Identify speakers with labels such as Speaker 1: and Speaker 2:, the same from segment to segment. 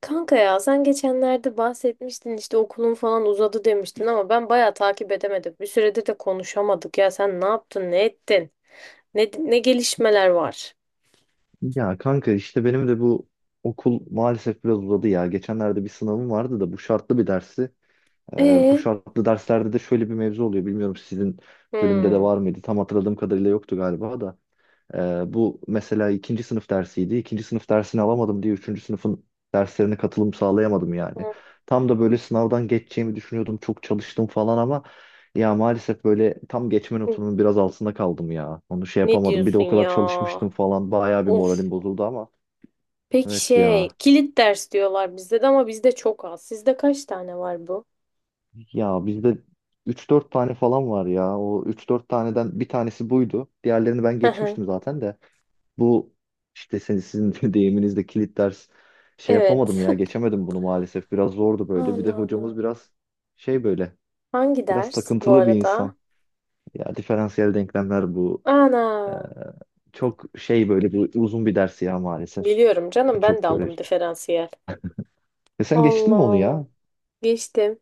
Speaker 1: Kanka ya sen geçenlerde bahsetmiştin işte okulun falan uzadı demiştin ama ben bayağı takip edemedim. Bir süredir de konuşamadık ya sen ne yaptın ne ettin? Ne gelişmeler var?
Speaker 2: Ya kanka işte benim de bu okul maalesef biraz uzadı ya. Geçenlerde bir sınavım vardı da bu şartlı bir dersi. Bu
Speaker 1: Ee?
Speaker 2: şartlı derslerde de şöyle bir mevzu oluyor. Bilmiyorum sizin bölümde de
Speaker 1: Hmm.
Speaker 2: var mıydı? Tam hatırladığım kadarıyla yoktu galiba da. Bu mesela ikinci sınıf dersiydi. İkinci sınıf dersini alamadım diye üçüncü sınıfın derslerine katılım sağlayamadım yani.
Speaker 1: Hmm.
Speaker 2: Tam da böyle sınavdan geçeceğimi düşünüyordum. Çok çalıştım falan ama ya maalesef böyle tam geçme notumun biraz altında kaldım ya. Onu şey
Speaker 1: Ne
Speaker 2: yapamadım. Bir de
Speaker 1: diyorsun
Speaker 2: o
Speaker 1: ya?
Speaker 2: kadar çalışmıştım falan. Bayağı bir
Speaker 1: Of.
Speaker 2: moralim bozuldu ama.
Speaker 1: Peki
Speaker 2: Evet
Speaker 1: şey
Speaker 2: ya.
Speaker 1: kilit ders diyorlar bizde de ama bizde çok az. Sizde kaç tane var bu?
Speaker 2: Ya bizde üç dört tane falan var ya. O üç dört taneden bir tanesi buydu. Diğerlerini ben
Speaker 1: Hı hı.
Speaker 2: geçmiştim zaten de. Bu işte sizin de deyiminizde kilit ders şey yapamadım
Speaker 1: Evet.
Speaker 2: ya, geçemedim bunu maalesef. Biraz zordu böyle. Bir de
Speaker 1: Allah
Speaker 2: hocamız
Speaker 1: Allah.
Speaker 2: biraz şey, böyle
Speaker 1: Hangi
Speaker 2: biraz
Speaker 1: ders bu
Speaker 2: takıntılı bir insan.
Speaker 1: arada?
Speaker 2: Ya diferansiyel denklemler bu.
Speaker 1: Ana.
Speaker 2: Ee, Çok şey böyle, bu uzun bir ders ya maalesef.
Speaker 1: Biliyorum canım ben de
Speaker 2: Çok böyle.
Speaker 1: aldım diferansiyel.
Speaker 2: E sen geçtin
Speaker 1: Allah
Speaker 2: mi onu
Speaker 1: Allah.
Speaker 2: ya?
Speaker 1: Geçtim.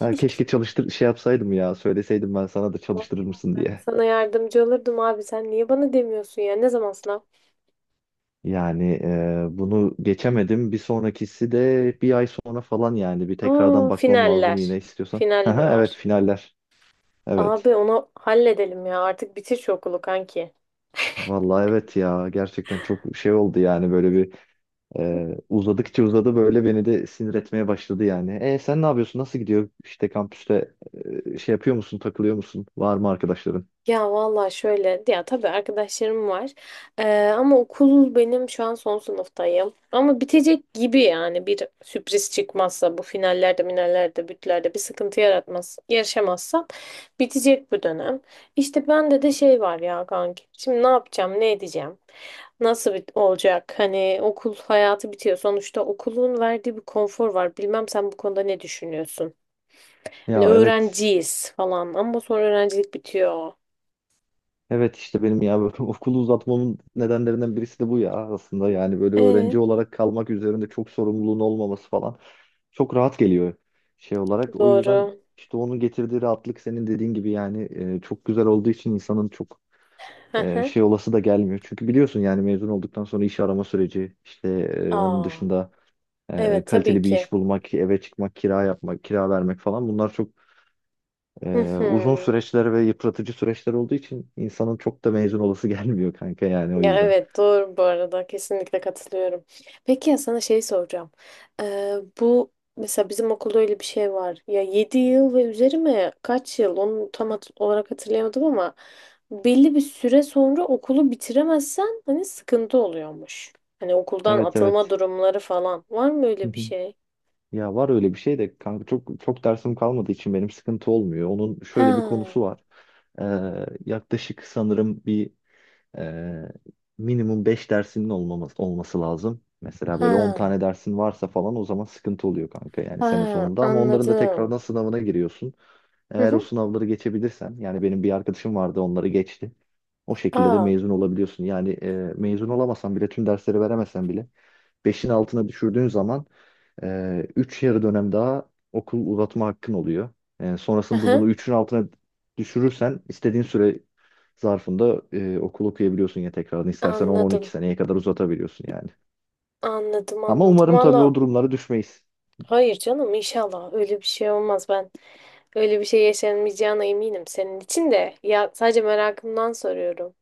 Speaker 2: Ha, keşke çalıştır şey yapsaydım ya, söyleseydim ben sana da çalıştırır mısın diye.
Speaker 1: Sana yardımcı olurdum abi. Sen niye bana demiyorsun ya? Ne zaman sınav?
Speaker 2: Yani bunu geçemedim. Bir sonrakisi de bir ay sonra falan, yani bir tekrardan
Speaker 1: Aa,
Speaker 2: bakmam lazım
Speaker 1: finaller.
Speaker 2: yine istiyorsan.
Speaker 1: Final mi
Speaker 2: Aha,
Speaker 1: var?
Speaker 2: evet, finaller. Evet.
Speaker 1: Abi onu halledelim ya. Artık bitir şu okulu kanki.
Speaker 2: Vallahi evet ya, gerçekten çok şey oldu yani, böyle bir uzadıkça uzadı, böyle beni de sinir etmeye başladı yani. E sen ne yapıyorsun? Nasıl gidiyor? İşte kampüste şey yapıyor musun? Takılıyor musun? Var mı arkadaşların?
Speaker 1: Ya valla şöyle ya tabii arkadaşlarım var. Ama okul benim şu an son sınıftayım ama bitecek gibi yani bir sürpriz çıkmazsa bu finallerde minallerde bütlerde bir sıkıntı yaratmaz yaşamazsam bitecek bu dönem. İşte bende de şey var ya kanki şimdi ne yapacağım ne edeceğim nasıl bit olacak, hani okul hayatı bitiyor sonuçta, okulun verdiği bir konfor var, bilmem sen bu konuda ne düşünüyorsun? Hani
Speaker 2: Ya evet.
Speaker 1: öğrenciyiz falan ama sonra öğrencilik bitiyor.
Speaker 2: Evet işte benim ya, böyle okulu uzatmamın nedenlerinden birisi de bu ya aslında. Yani böyle öğrenci olarak kalmak, üzerinde çok sorumluluğun olmaması falan çok rahat geliyor şey olarak. O yüzden
Speaker 1: Doğru.
Speaker 2: işte onun getirdiği rahatlık, senin dediğin gibi yani çok güzel olduğu için insanın çok
Speaker 1: Hı hı.
Speaker 2: şey olası da gelmiyor. Çünkü biliyorsun yani, mezun olduktan sonra iş arama süreci işte, onun
Speaker 1: Aa,
Speaker 2: dışında
Speaker 1: evet tabii
Speaker 2: kaliteli bir
Speaker 1: ki.
Speaker 2: iş bulmak, eve çıkmak, kira yapmak, kira vermek falan, bunlar çok
Speaker 1: Hı
Speaker 2: e,
Speaker 1: hı.
Speaker 2: uzun süreçler ve yıpratıcı süreçler olduğu için insanın çok da mezun olası gelmiyor kanka, yani o
Speaker 1: Ya
Speaker 2: yüzden.
Speaker 1: evet doğru, bu arada kesinlikle katılıyorum. Peki ya sana şey soracağım. Bu mesela bizim okulda öyle bir şey var. Ya 7 yıl ve üzeri mi? Kaç yıl? Onu olarak hatırlayamadım ama belli bir süre sonra okulu bitiremezsen hani sıkıntı oluyormuş. Hani okuldan
Speaker 2: Evet,
Speaker 1: atılma
Speaker 2: evet.
Speaker 1: durumları falan. Var mı
Speaker 2: Hı
Speaker 1: öyle bir
Speaker 2: hı.
Speaker 1: şey?
Speaker 2: Ya var öyle bir şey de kanka, çok çok dersim kalmadığı için benim sıkıntı olmuyor. Onun
Speaker 1: Ha,
Speaker 2: şöyle bir konusu var. E, Yaklaşık sanırım bir Ee, minimum 5 dersinin olmaması, olması lazım. Mesela böyle 10
Speaker 1: ha,
Speaker 2: tane dersin varsa falan, o zaman sıkıntı oluyor kanka, yani sene
Speaker 1: ha
Speaker 2: sonunda, ama onların da
Speaker 1: anladım.
Speaker 2: tekrardan sınavına giriyorsun.
Speaker 1: Hı
Speaker 2: Eğer o
Speaker 1: hı.
Speaker 2: sınavları geçebilirsen, yani benim bir arkadaşım vardı, onları geçti. O şekilde de
Speaker 1: Aa.
Speaker 2: mezun olabiliyorsun. Yani mezun olamasan bile, tüm dersleri veremesen bile, beşin altına düşürdüğün zaman üç yarı dönem daha okul uzatma hakkın oluyor.
Speaker 1: Hı
Speaker 2: Sonrasında da
Speaker 1: hı.
Speaker 2: bunu üçün altına düşürürsen, istediğin süre zarfında okul okuyabiliyorsun ya tekrardan. İstersen on-on iki
Speaker 1: Anladım.
Speaker 2: seneye kadar uzatabiliyorsun yani.
Speaker 1: Anladım
Speaker 2: Ama
Speaker 1: anladım.
Speaker 2: umarım tabii
Speaker 1: Valla
Speaker 2: o durumlara düşmeyiz.
Speaker 1: hayır canım inşallah öyle bir şey olmaz ben. Öyle bir şey yaşanmayacağına eminim senin için de. Ya sadece merakımdan soruyorum.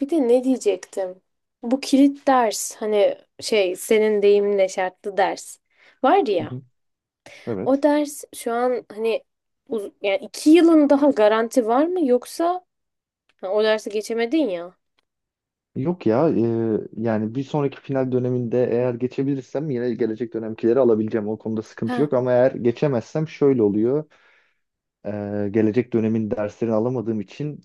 Speaker 1: Bir de ne diyecektim? Bu kilit ders hani şey senin deyiminle şartlı ders var
Speaker 2: Hı
Speaker 1: ya.
Speaker 2: hı.
Speaker 1: O
Speaker 2: Evet.
Speaker 1: ders şu an hani yani iki yılın daha garanti var mı yoksa ha, o dersi geçemedin ya.
Speaker 2: Yok ya, yani bir sonraki final döneminde eğer geçebilirsem, yine gelecek dönemkileri alabileceğim, o konuda sıkıntı
Speaker 1: Ha.
Speaker 2: yok, ama eğer geçemezsem şöyle oluyor. E, Gelecek dönemin derslerini alamadığım için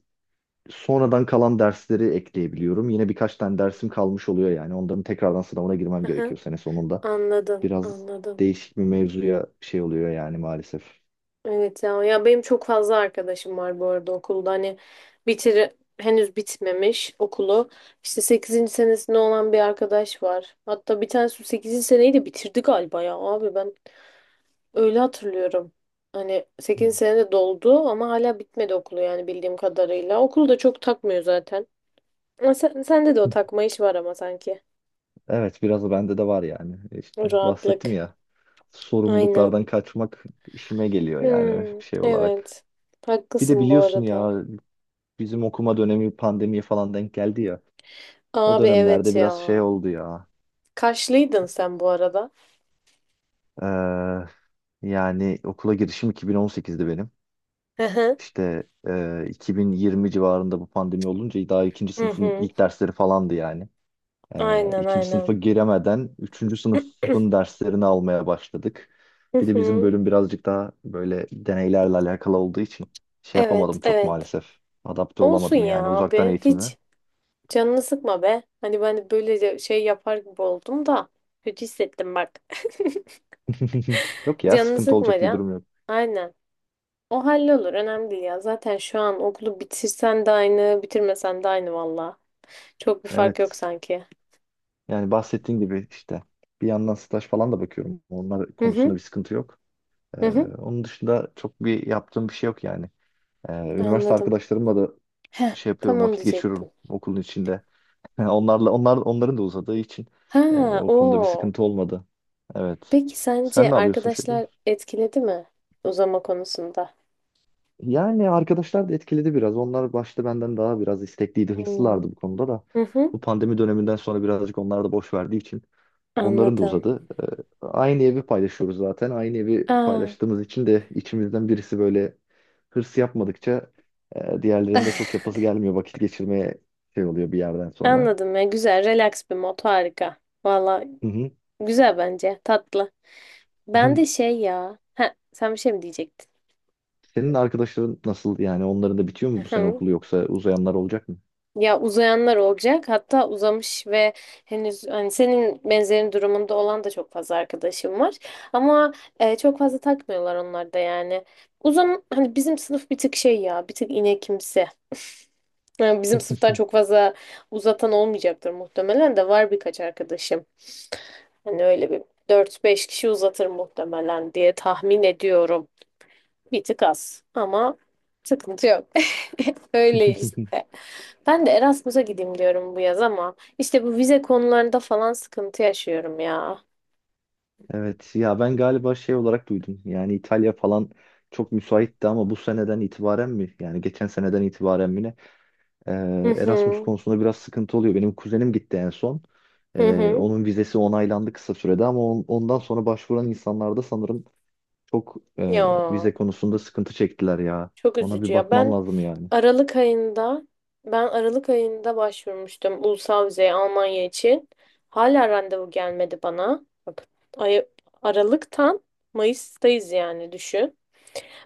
Speaker 2: sonradan kalan dersleri ekleyebiliyorum, yine birkaç tane dersim kalmış oluyor, yani onların tekrardan sınavına girmem
Speaker 1: Hı hı.
Speaker 2: gerekiyor sene sonunda.
Speaker 1: Anladım
Speaker 2: Biraz
Speaker 1: anladım.
Speaker 2: değişik bir mevzuya şey oluyor yani maalesef.
Speaker 1: Evet ya, ya benim çok fazla arkadaşım var bu arada okulda, hani bitir henüz bitmemiş okulu, işte sekizinci senesinde olan bir arkadaş var, hatta bir tanesi sekizinci seneyi de bitirdi galiba ya abi ben öyle hatırlıyorum, hani 8. senede doldu ama hala bitmedi okulu, yani bildiğim kadarıyla okulu da çok takmıyor zaten ama sende de o takma iş var ama sanki
Speaker 2: Evet, biraz da bende de var yani,
Speaker 1: o
Speaker 2: işte bahsettim
Speaker 1: rahatlık
Speaker 2: ya,
Speaker 1: aynen.
Speaker 2: sorumluluklardan kaçmak işime geliyor yani
Speaker 1: Hmm,
Speaker 2: şey olarak.
Speaker 1: evet
Speaker 2: Bir de
Speaker 1: haklısın bu
Speaker 2: biliyorsun
Speaker 1: arada.
Speaker 2: ya, bizim okuma dönemi pandemiye falan denk geldi ya. O
Speaker 1: Abi
Speaker 2: dönemlerde
Speaker 1: evet ya.
Speaker 2: biraz şey oldu ya.
Speaker 1: Kaşlıydın sen bu arada.
Speaker 2: Ee, Yani okula girişim 2018'di benim.
Speaker 1: Hı hı.
Speaker 2: İşte 2020 civarında bu pandemi olunca daha ikinci
Speaker 1: Hı
Speaker 2: sınıfın
Speaker 1: hı.
Speaker 2: ilk dersleri falandı yani. Ee,
Speaker 1: Aynen
Speaker 2: ikinci sınıfa
Speaker 1: aynen.
Speaker 2: giremeden üçüncü sınıfın derslerini almaya başladık.
Speaker 1: Hı
Speaker 2: Bir de bizim
Speaker 1: hı.
Speaker 2: bölüm birazcık daha böyle deneylerle alakalı olduğu için şey
Speaker 1: Evet
Speaker 2: yapamadım çok
Speaker 1: evet.
Speaker 2: maalesef. Adapte
Speaker 1: Olsun
Speaker 2: olamadım
Speaker 1: ya
Speaker 2: yani uzaktan
Speaker 1: abi.
Speaker 2: eğitimi.
Speaker 1: Hiç canını sıkma be. Hani ben böylece şey yapar gibi oldum da. Kötü hissettim bak.
Speaker 2: Yok ya,
Speaker 1: Canını
Speaker 2: sıkıntı
Speaker 1: sıkma
Speaker 2: olacak bir
Speaker 1: ya.
Speaker 2: durum yok.
Speaker 1: Aynen. O hallolur. Önemli değil ya. Zaten şu an okulu bitirsen de aynı, bitirmesen de aynı valla. Çok bir fark yok
Speaker 2: Evet.
Speaker 1: sanki.
Speaker 2: Yani bahsettiğin gibi işte bir yandan staj falan da bakıyorum. Onlar
Speaker 1: Hı
Speaker 2: konusunda
Speaker 1: hı.
Speaker 2: bir sıkıntı yok. Ee,
Speaker 1: Hı hı.
Speaker 2: Onun dışında çok bir yaptığım bir şey yok yani. Üniversite
Speaker 1: Anladım.
Speaker 2: arkadaşlarımla da
Speaker 1: Heh,
Speaker 2: şey
Speaker 1: tam
Speaker 2: yapıyorum,
Speaker 1: onu
Speaker 2: vakit geçiriyorum
Speaker 1: diyecektim.
Speaker 2: okulun içinde. Onlarla onlar onların da uzadığı için
Speaker 1: Ha,
Speaker 2: o konuda bir
Speaker 1: o.
Speaker 2: sıkıntı olmadı. Evet.
Speaker 1: Peki
Speaker 2: Sen
Speaker 1: sence
Speaker 2: ne yapıyorsun, şey yapıyor
Speaker 1: arkadaşlar
Speaker 2: musun?
Speaker 1: etkiledi mi uzama konusunda?
Speaker 2: Yani arkadaşlar da etkiledi biraz. Onlar başta benden daha biraz istekliydi,
Speaker 1: Hmm.
Speaker 2: hırslılardı bu konuda da.
Speaker 1: Hı hı.
Speaker 2: Bu pandemi döneminden sonra birazcık onlar da boş verdiği için. Onların da
Speaker 1: Anladım.
Speaker 2: uzadı. Aynı evi paylaşıyoruz zaten. Aynı evi
Speaker 1: Aa.
Speaker 2: paylaştığımız için de içimizden birisi böyle hırs yapmadıkça diğerlerinde çok yapası gelmiyor. Vakit geçirmeye şey oluyor bir yerden sonra.
Speaker 1: Anladım ya, güzel relax bir mod, harika. Valla
Speaker 2: Hı hı.
Speaker 1: güzel, bence tatlı. Ben
Speaker 2: Hı.
Speaker 1: de şey ya. Ha, sen bir şey mi diyecektin?
Speaker 2: Senin arkadaşların nasıl, yani onların da bitiyor mu bu sene
Speaker 1: Hı.
Speaker 2: okulu, yoksa uzayanlar olacak mı?
Speaker 1: Ya uzayanlar olacak, hatta uzamış ve henüz hani senin benzerin durumunda olan da çok fazla arkadaşım var. Ama çok fazla takmıyorlar onlar da yani. Uzam hani bizim sınıf bir tık şey ya, bir tık inekimsi. Yani bizim sınıftan çok fazla uzatan olmayacaktır muhtemelen, de var birkaç arkadaşım. Hani öyle bir dört beş kişi uzatır muhtemelen diye tahmin ediyorum. Bir tık az ama sıkıntı yok. Öyle işte. Ben de Erasmus'a gideyim diyorum bu yaz ama işte bu vize konularında falan sıkıntı yaşıyorum ya.
Speaker 2: Evet ya, ben galiba şey olarak duydum. Yani İtalya falan çok müsaitti ama bu seneden itibaren mi? Yani geçen seneden itibaren mi?
Speaker 1: Hı
Speaker 2: Erasmus
Speaker 1: hı.
Speaker 2: konusunda biraz sıkıntı oluyor. Benim kuzenim gitti en son.
Speaker 1: Hı hı.
Speaker 2: Onun vizesi onaylandı kısa sürede, ama ondan sonra başvuran insanlar da sanırım çok
Speaker 1: Ya.
Speaker 2: vize konusunda sıkıntı çektiler ya.
Speaker 1: Çok
Speaker 2: Ona
Speaker 1: üzücü
Speaker 2: bir
Speaker 1: ya.
Speaker 2: bakman lazım yani.
Speaker 1: Aralık ayında Ben Aralık ayında başvurmuştum ulusal vizeye Almanya için. Hala randevu gelmedi bana. Bak, ay, Aralık'tan Mayıs'tayız yani düşün.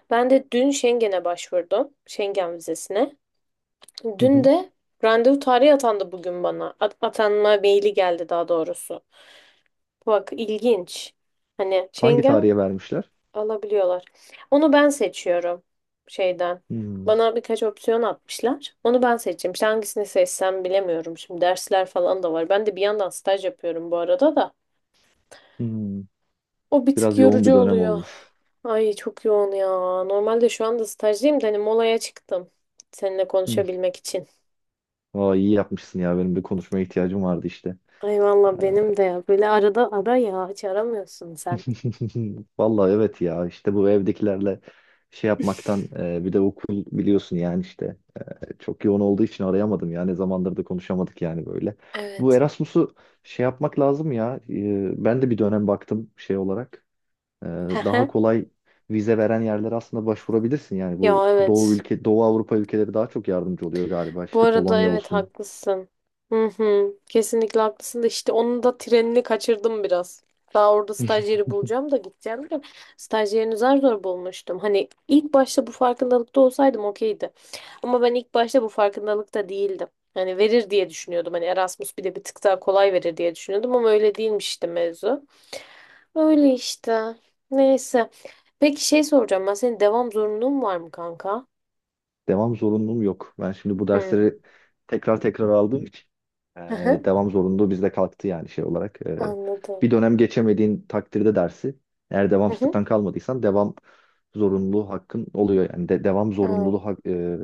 Speaker 1: Ben de dün Schengen'e başvurdum. Schengen vizesine.
Speaker 2: Hı
Speaker 1: Dün
Speaker 2: hı.
Speaker 1: de randevu tarihi atandı bugün bana. Atanma maili geldi daha doğrusu. Bak ilginç. Hani
Speaker 2: Hangi
Speaker 1: Schengen
Speaker 2: tarihe vermişler?
Speaker 1: alabiliyorlar. Onu ben seçiyorum şeyden.
Speaker 2: Hmm,
Speaker 1: Bana birkaç opsiyon atmışlar. Onu ben seçeceğim. İşte hangisini seçsem bilemiyorum. Şimdi dersler falan da var. Ben de bir yandan staj yapıyorum bu arada da.
Speaker 2: hmm.
Speaker 1: O bir tık
Speaker 2: Biraz yoğun bir
Speaker 1: yorucu
Speaker 2: dönem
Speaker 1: oluyor.
Speaker 2: olmuş.
Speaker 1: Ay çok yoğun ya. Normalde şu anda stajdayım da hani molaya çıktım. Seninle
Speaker 2: Hı.
Speaker 1: konuşabilmek için.
Speaker 2: Aa, iyi yapmışsın ya. Benim bir konuşmaya ihtiyacım vardı işte.
Speaker 1: Ay valla benim de ya. Böyle arada ara ya. Hiç aramıyorsun sen.
Speaker 2: Vallahi evet ya. İşte bu evdekilerle şey yapmaktan, bir de okul biliyorsun yani işte. Çok yoğun olduğu için arayamadım ya. Ne zamandır da konuşamadık yani böyle. Bu
Speaker 1: Evet.
Speaker 2: Erasmus'u şey yapmak lazım ya. Ben de bir dönem baktım şey olarak. Ee, Daha
Speaker 1: Hehe.
Speaker 2: kolay vize veren yerlere aslında başvurabilirsin. Yani
Speaker 1: Ya
Speaker 2: bu Doğu
Speaker 1: evet.
Speaker 2: ülke, Doğu Avrupa ülkeleri daha çok yardımcı oluyor galiba.
Speaker 1: Bu
Speaker 2: İşte
Speaker 1: arada
Speaker 2: Polonya
Speaker 1: evet
Speaker 2: olsun,
Speaker 1: haklısın. Hı hı. Kesinlikle haklısın da işte onun da trenini kaçırdım biraz. Daha orada stajyeri bulacağım da gideceğim de stajyerini zar zor bulmuştum. Hani ilk başta bu farkındalıkta olsaydım okeydi. Ama ben ilk başta bu farkındalıkta değildim. Hani verir diye düşünüyordum. Hani Erasmus bir de bir tık daha kolay verir diye düşünüyordum ama öyle değilmiş işte mevzu. Öyle işte. Neyse. Peki şey soracağım, ben senin devam zorunluluğun var mı kanka?
Speaker 2: devam zorunluluğum yok. Ben şimdi bu
Speaker 1: Hı.
Speaker 2: dersleri tekrar tekrar aldığım için
Speaker 1: Hı hı.
Speaker 2: devam zorunluluğu bizde kalktı yani şey olarak.
Speaker 1: Anladım.
Speaker 2: Bir dönem geçemediğin takdirde dersi, eğer
Speaker 1: Hı hı.
Speaker 2: devamsızlıktan kalmadıysan devam zorunluluğu hakkın oluyor. Yani devam
Speaker 1: Aa.
Speaker 2: zorunluluğu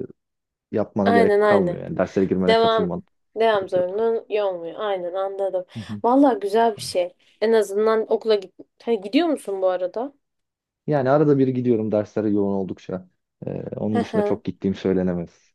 Speaker 2: yapmana
Speaker 1: Aynen
Speaker 2: gerek
Speaker 1: aynen.
Speaker 2: kalmıyor. Yani derslere girmene,
Speaker 1: Devam
Speaker 2: katılman
Speaker 1: devam
Speaker 2: gerek yok.
Speaker 1: zorunlu olmuyor. Aynen anladım.
Speaker 2: Hı hı.
Speaker 1: Vallahi güzel bir şey. En azından okula git. Ha, gidiyor musun bu arada?
Speaker 2: Yani arada bir gidiyorum derslere yoğun oldukça.
Speaker 1: Hı
Speaker 2: Onun dışında
Speaker 1: hı.
Speaker 2: çok gittiğim söylenemez.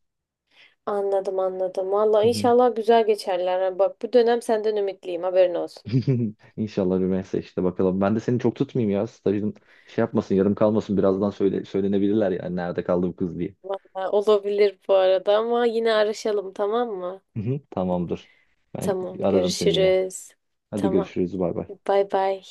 Speaker 1: Anladım. Vallahi
Speaker 2: Hı hı.
Speaker 1: inşallah güzel geçerler. Ha, bak bu dönem senden ümitliyim, haberin olsun.
Speaker 2: İnşallah Rümeysa, işte bakalım. Ben de seni çok tutmayayım ya. Stajın şey yapmasın, yarım kalmasın. Birazdan
Speaker 1: Hmm,
Speaker 2: söylenebilirler yani, nerede kaldı bu kız diye.
Speaker 1: vallahi olabilir bu arada ama yine araşalım tamam mı?
Speaker 2: Hı hı. Tamamdır. Ben
Speaker 1: Tamam
Speaker 2: ararım seni yine.
Speaker 1: görüşürüz.
Speaker 2: Hadi
Speaker 1: Tamam.
Speaker 2: görüşürüz. Bay bay.
Speaker 1: Bay bay.